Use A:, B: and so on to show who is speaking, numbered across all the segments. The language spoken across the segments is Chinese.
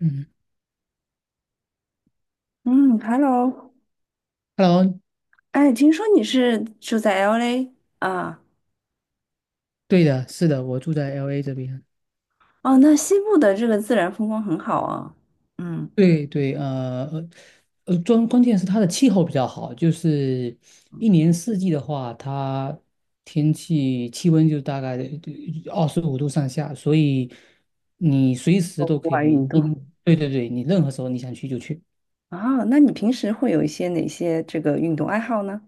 A: 嗯
B: 嗯，Hello，
A: ，Hello,
B: 哎，听说你是住在 LA 啊？
A: 对的，是的，我住在 LA 这边。
B: 哦，那西部的这个自然风光很好啊。嗯，
A: 对对，关键是它的气候比较好，就是一年四季的话，它天气气温就大概25度上下，所以你随时
B: 做
A: 都
B: 户
A: 可
B: 外
A: 以，
B: 运动。
A: 对对对，你任何时候你想去就去。
B: 啊，那你平时会有一些哪些这个运动爱好呢？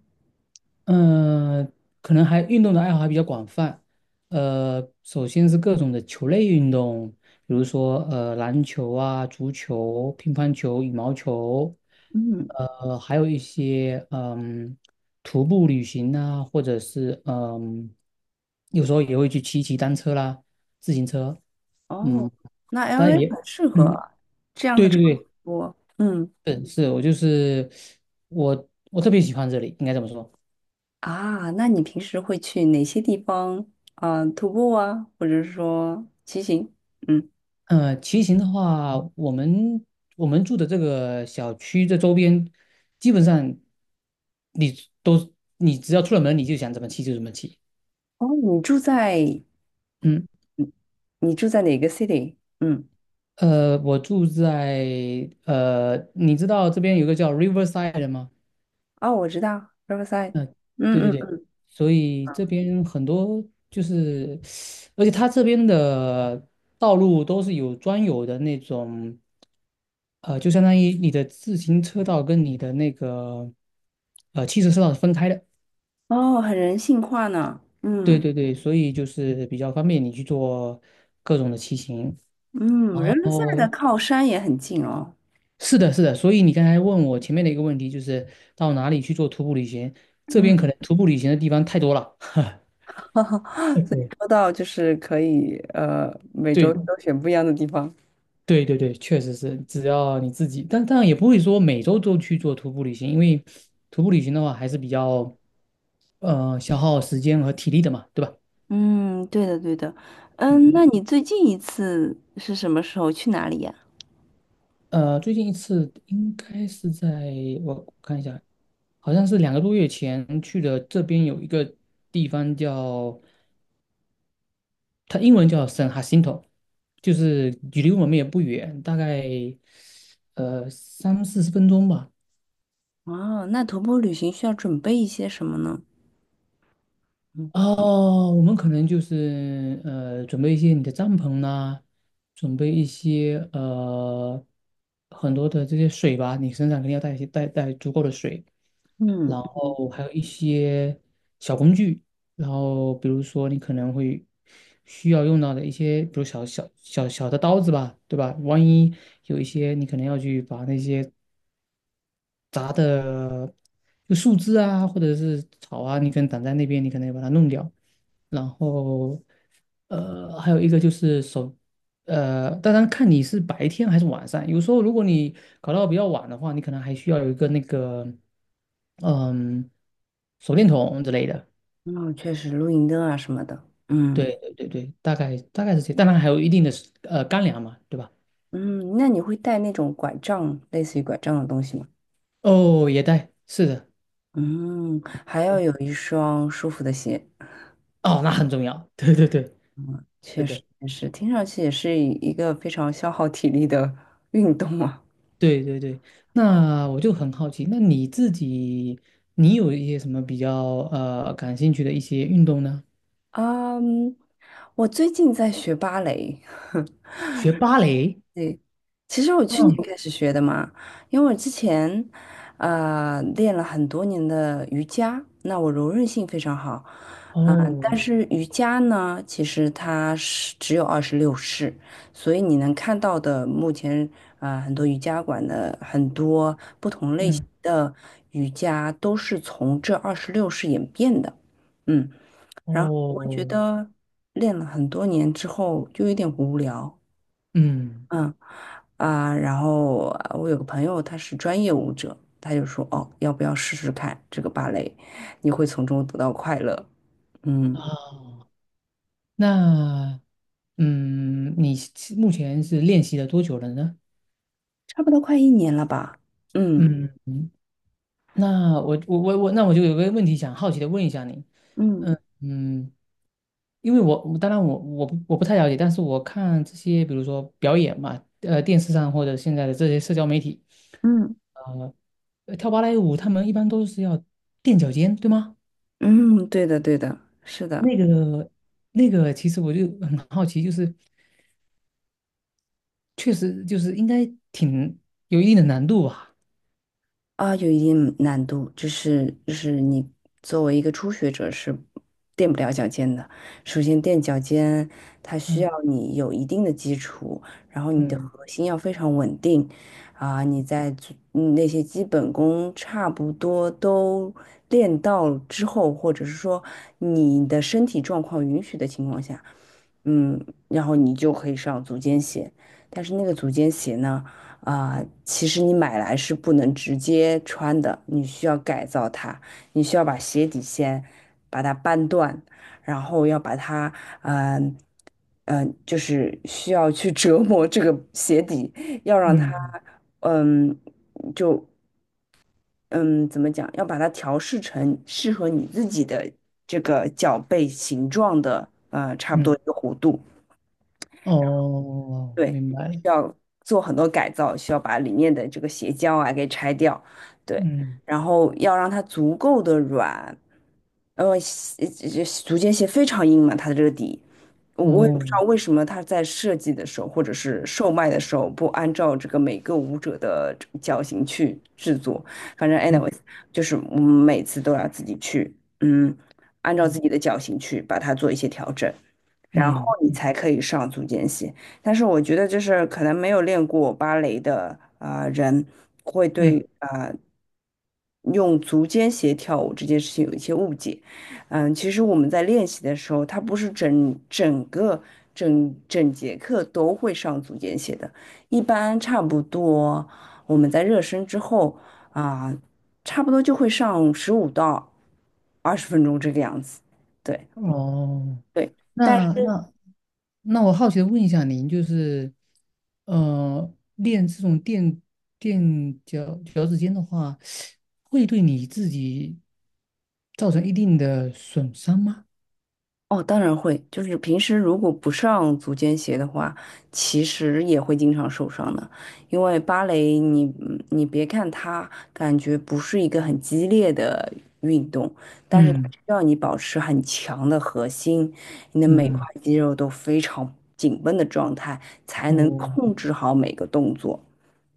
A: 嗯，呃可能运动的爱好还比较广泛。呃，首先是各种的球类运动，比如说篮球啊、足球、乒乓球、羽毛球，
B: 嗯，
A: 还有一些徒步旅行啊，或者是有时候也会去骑单车啦、自行车。嗯，
B: 哦，那
A: 但
B: LA
A: 也
B: 很适
A: 嗯，
B: 合这样的
A: 对
B: 场
A: 对
B: 所。嗯，
A: 对，是是，我就是我我特别喜欢这里，应该怎么说。
B: 啊，那你平时会去哪些地方啊，徒步啊，或者是说骑行？嗯，
A: 呃，骑行的话，我们住的这个小区这周边，基本上你都你只要出了门，你就想怎么骑就怎么骑。
B: 哦，你住在
A: 嗯，
B: 你住在哪个 city？嗯。
A: 我住在你知道这边有个叫 Riverside 的吗？
B: 哦，我知道，Riverside，
A: 嗯，对
B: 嗯
A: 对对，
B: 嗯，
A: 所以这边很多就是，而且它这边的道路都是有专有的那种。呃，就相当于你的自行车道跟你的那个汽车车道是分开的。
B: 哦，很人性化呢，
A: 对
B: 嗯
A: 对对，所以就是比较方便你去做各种的骑行。
B: 嗯
A: 然
B: ，Riverside 的
A: 后
B: 靠山也很近哦，
A: 是的，是的，所以你刚才问我前面的一个问题，就是到哪里去做徒步旅行？这
B: 嗯，
A: 边可能徒步旅行的地方太多了。
B: 所以说 到就是可以每周
A: 对
B: 都选不一样的地方。
A: 对对对，确实是，只要你自己，但当然也不会说每周都去做徒步旅行，因为徒步旅行的话还是比较消耗时间和体力的嘛，对吧？
B: 嗯，对的对的，嗯，
A: 嗯。
B: 那你最近一次是什么时候去哪里呀？
A: 呃，最近一次应该是在我看一下，好像是两个多月前去的。这边有一个地方叫它英文叫 San Jacinto,就是距离我们也不远，大概三四十分钟吧。
B: 哦，那徒步旅行需要准备一些什么呢？嗯
A: 哦，我们可能就是准备一些你的帐篷啦、准备一些很多的这些水吧，你身上肯定要带一些带足够的水。
B: 嗯，
A: 然后还有一些小工具，然后比如说你可能会需要用到的一些，比如小的刀子吧，对吧？万一有一些你可能要去把那些杂的就树枝啊，或者是草啊，你可能挡在那边，你可能要把它弄掉。然后还有一个就是手。呃，当然看你是白天还是晚上。有时候如果你搞到比较晚的话，你可能还需要有一个那个。嗯，手电筒之类的。
B: 哦，确实露营灯啊什么的，嗯
A: 对对对对，大概是这，当然还有一定的干粮嘛，对吧？
B: 嗯，那你会带那种拐杖，类似于拐杖的东西吗？
A: 哦，也带，是的，
B: 嗯，还要有一双舒服的鞋，
A: 哦，那很重要。对对对，
B: 确
A: 是
B: 实
A: 的，
B: 也是，听上去也是一个非常消耗体力的运动啊。
A: 对对对。那我就很好奇，那你自己，你有一些什么比较感兴趣的一些运动呢？
B: 嗯，我最近在学芭蕾，
A: 学芭蕾？
B: 其实我去年
A: 嗯，
B: 开始学的嘛，因为我之前，练了很多年的瑜伽，那我柔韧性非常好，啊、但
A: 哦，
B: 是瑜伽呢，其实它是只有二十六式，所以你能看到的目前，很多瑜伽馆的很多不同类型
A: 嗯，
B: 的瑜伽都是从这二十六式演变的，嗯，然后我觉
A: 哦，
B: 得练了很多年之后就有点无聊。
A: 嗯，
B: 嗯啊，然后我有个朋友，他是专业舞者，他就说：“哦，要不要试试看这个芭蕾？你会从中得到快乐。”嗯，
A: 哦，那你目前是练习了多久了呢？
B: 差不多快一年了吧？嗯
A: 嗯，嗯那我那我就有个问题想好奇的问一下你，
B: 嗯
A: 嗯，因为我当然我不太了解，但是我看这些比如说表演嘛，呃，电视上或者现在的这些社交媒体，
B: 嗯
A: 呃，呃跳芭蕾舞他们一般都是要垫脚尖，对吗？
B: 嗯，对的对的，是的。
A: 那个其实我就很好奇，就是确实就是应该挺有一定的难度吧？
B: 啊，有一定难度，就是你作为一个初学者是垫不了脚尖的。首先垫脚尖，它需要
A: 嗯
B: 你有一定的基础，然后你的
A: 嗯
B: 核心要非常稳定，啊，你在做那些基本功差不多都练到之后，或者是说你的身体状况允许的情况下，嗯，然后你就可以上足尖鞋。但是那个足尖鞋呢？啊、其实你买来是不能直接穿的，你需要改造它，你需要把鞋底先把它扳断，然后要把它，嗯、嗯，就是需要去折磨这个鞋底，要让它，
A: 嗯
B: 嗯，就嗯，怎么讲，要把它调试成适合你自己的这个脚背形状的，呃，差不多一
A: 嗯，
B: 个弧度。
A: 哦，
B: 对，
A: 明白
B: 需
A: 了
B: 要做很多改造，需要把里面的这个鞋胶啊给拆掉，对，
A: 嗯
B: 然后要让它足够的软，鞋这足尖鞋非常硬嘛，它的这个底，我也不
A: 哦。
B: 知道为什么它在设计的时候或者是售卖的时候不按照这个每个舞者的这个脚型去制作，反正
A: 嗯
B: anyways，就是我们每次都要自己去，嗯，按照自
A: 嗯
B: 己的脚型去把它做一些调整，然后
A: 嗯
B: 你
A: 嗯
B: 才可以上足尖鞋。但是我觉得就是可能没有练过芭蕾的啊、人会
A: 嗯，
B: 对啊、用足尖鞋跳舞这件事情有一些误解。嗯，其实我们在练习的时候，它不是整整节课都会上足尖鞋的，一般差不多我们在热身之后啊、差不多就会上15到20分钟这个样子。对
A: 哦，
B: 对。
A: 那那那我好奇的问一下您，就是，呃，练这种垫脚趾尖的话，会对你自己造成一定的损伤吗？
B: 哦，当然会，就是平时如果不上足尖鞋的话，其实也会经常受伤的。因为芭蕾你，你别看它感觉不是一个很激烈的运动，但是它
A: 嗯
B: 需要你保持很强的核心，你的每块
A: 嗯，
B: 肌肉都非常紧绷的状态，才能
A: 哦
B: 控制好每个动作。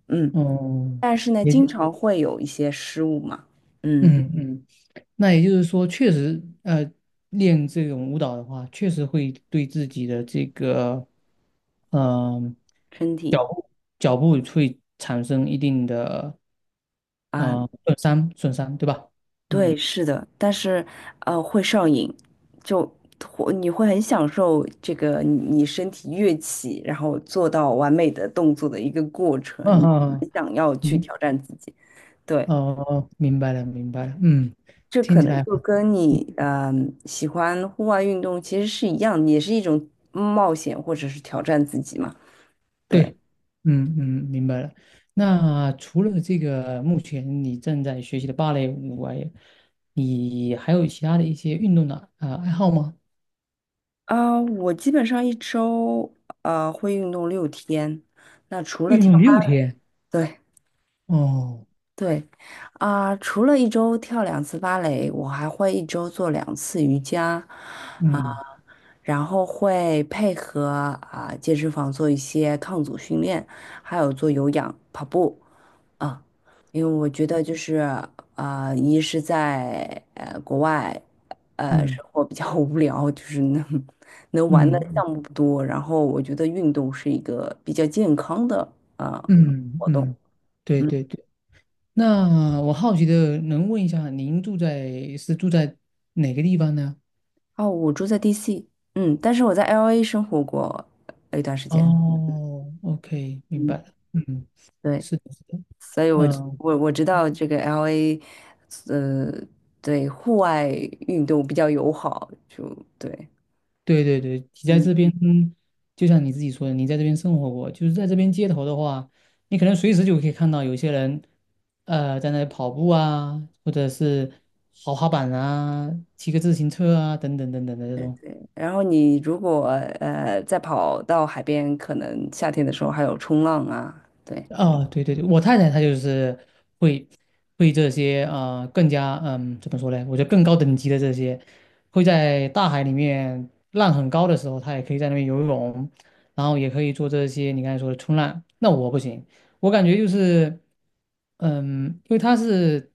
B: 嗯，
A: 哦，
B: 但是呢，经
A: 也
B: 常会有一些失误嘛，嗯，
A: 嗯嗯。那也就是说，确实，呃，练这种舞蹈的话，确实会对自己的这个，嗯、
B: 身
A: 脚
B: 体。
A: 步脚步会产生一定的，
B: 啊。
A: 呃，损伤，对吧？
B: 对，
A: 嗯，
B: 是的，但是会上瘾，就会你会很享受这个你身体跃起，然后做到完美的动作的一个过程，
A: 嗯
B: 你
A: 嗯，
B: 很想要去
A: 明，
B: 挑战自己。对，
A: 哦，明白了，明白了，嗯，
B: 这可
A: 听起
B: 能
A: 来，
B: 就跟
A: 嗯
B: 你嗯、喜欢户外运动其实是一样，也是一种冒险或者是挑战自己嘛。对
A: 对，嗯嗯，明白了。那除了这个，目前你正在学习的芭蕾舞外，你还有其他的一些运动的爱好吗？
B: 啊、我基本上一周会运动6天，那除了
A: 运
B: 跳，
A: 动6天
B: 对。
A: 哦，
B: 对，啊、除了一周跳两次芭蕾，我还会一周做两次瑜伽，啊、
A: 嗯
B: 然后会配合啊、健身房做一些抗阻训练，还有做有氧、跑步啊、因为我觉得就是啊、一是在国外，
A: 嗯
B: 生活比较无聊，就是能玩的
A: 嗯嗯
B: 项目不多，然后我觉得运动是一个比较健康的啊、
A: 嗯，
B: 活动。
A: 嗯，对
B: 嗯。
A: 对对。那我好奇的能问一下，您住在是住在哪个地方呢？
B: 哦，我住在 DC，嗯，但是我在 LA 生活过一段时间，
A: 哦，OK,明白
B: 嗯，
A: 了。嗯，
B: 对，
A: 是的，是的。
B: 所以我知
A: 嗯。
B: 我我知道这个 LA，呃，对，户外运动比较友好，就对，
A: 对对对，你在
B: 嗯，
A: 这边，就像你自己说的，你在这边生活过，就是在这边街头的话，你可能随时就可以看到有些人，呃，在那里跑步啊，或者是滑滑板啊，骑个自行车啊，等等等等的这
B: 对
A: 种。
B: 对。然后你如果再跑到海边，可能夏天的时候还有冲浪啊，对，
A: 哦，对对对，我太太她就是会会这些更加嗯怎么说呢？我觉得更高等级的这些，会在大海里面浪很高的时候，她也可以在那边游泳，然后也可以做这些你刚才说的冲浪。那我不行，我感觉就是嗯，因为她是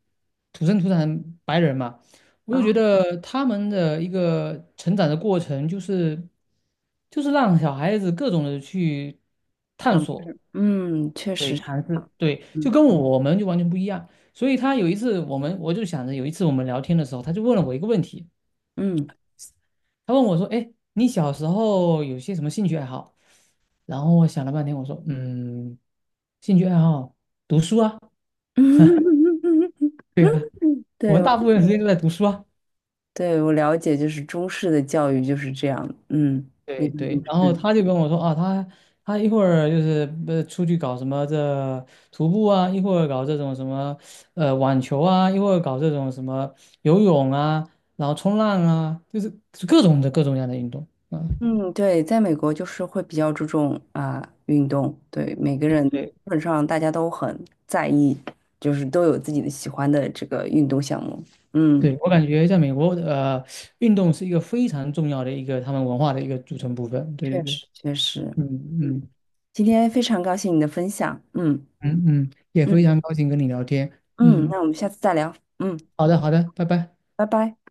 A: 土生土长白人嘛，我就觉
B: 啊，
A: 得他们的一个成长的过程就是让小孩子各种的去探
B: 尝
A: 索。
B: 试，嗯，确
A: 对，
B: 实，
A: 谈资，对，就
B: 嗯
A: 跟我们就完全不一样。所以他有一次，我就想着有一次我们聊天的时候，他就问了我一个问题，
B: 嗯。
A: 他问我说："哎，你小时候有些什么兴趣爱好？"然后我想了半天，我说："嗯，兴趣爱好，读书啊，
B: 嗯
A: 对啊，我
B: 对，
A: 们大部 分时间都在读书啊。"
B: 对，我了解，就是中式的教育就是这样，嗯，比
A: 对
B: 较应
A: 对，然后
B: 试。
A: 他就跟我说啊，他一会儿就是出去搞什么这徒步啊，一会儿搞这种什么网球啊，一会儿搞这种什么游泳啊，然后冲浪啊，就是各种各样的运动。嗯，
B: 嗯，对，在美国就是会比较注重啊、运动，对，每个人基
A: 对
B: 本上大家都很在意，就是都有自己的喜欢的这个运动项目。嗯，
A: 对，我感觉在美国呃，运动是一个非常重要的一个他们文化的一个组成部分。对对
B: 确
A: 对，
B: 实确实，
A: 嗯
B: 嗯，
A: 嗯
B: 今天非常高兴你的分享，嗯
A: 嗯嗯，也非
B: 嗯
A: 常高兴跟你聊天。
B: 嗯，
A: 嗯，
B: 那我们下次再聊，嗯，
A: 好的好的，拜拜。
B: 拜拜。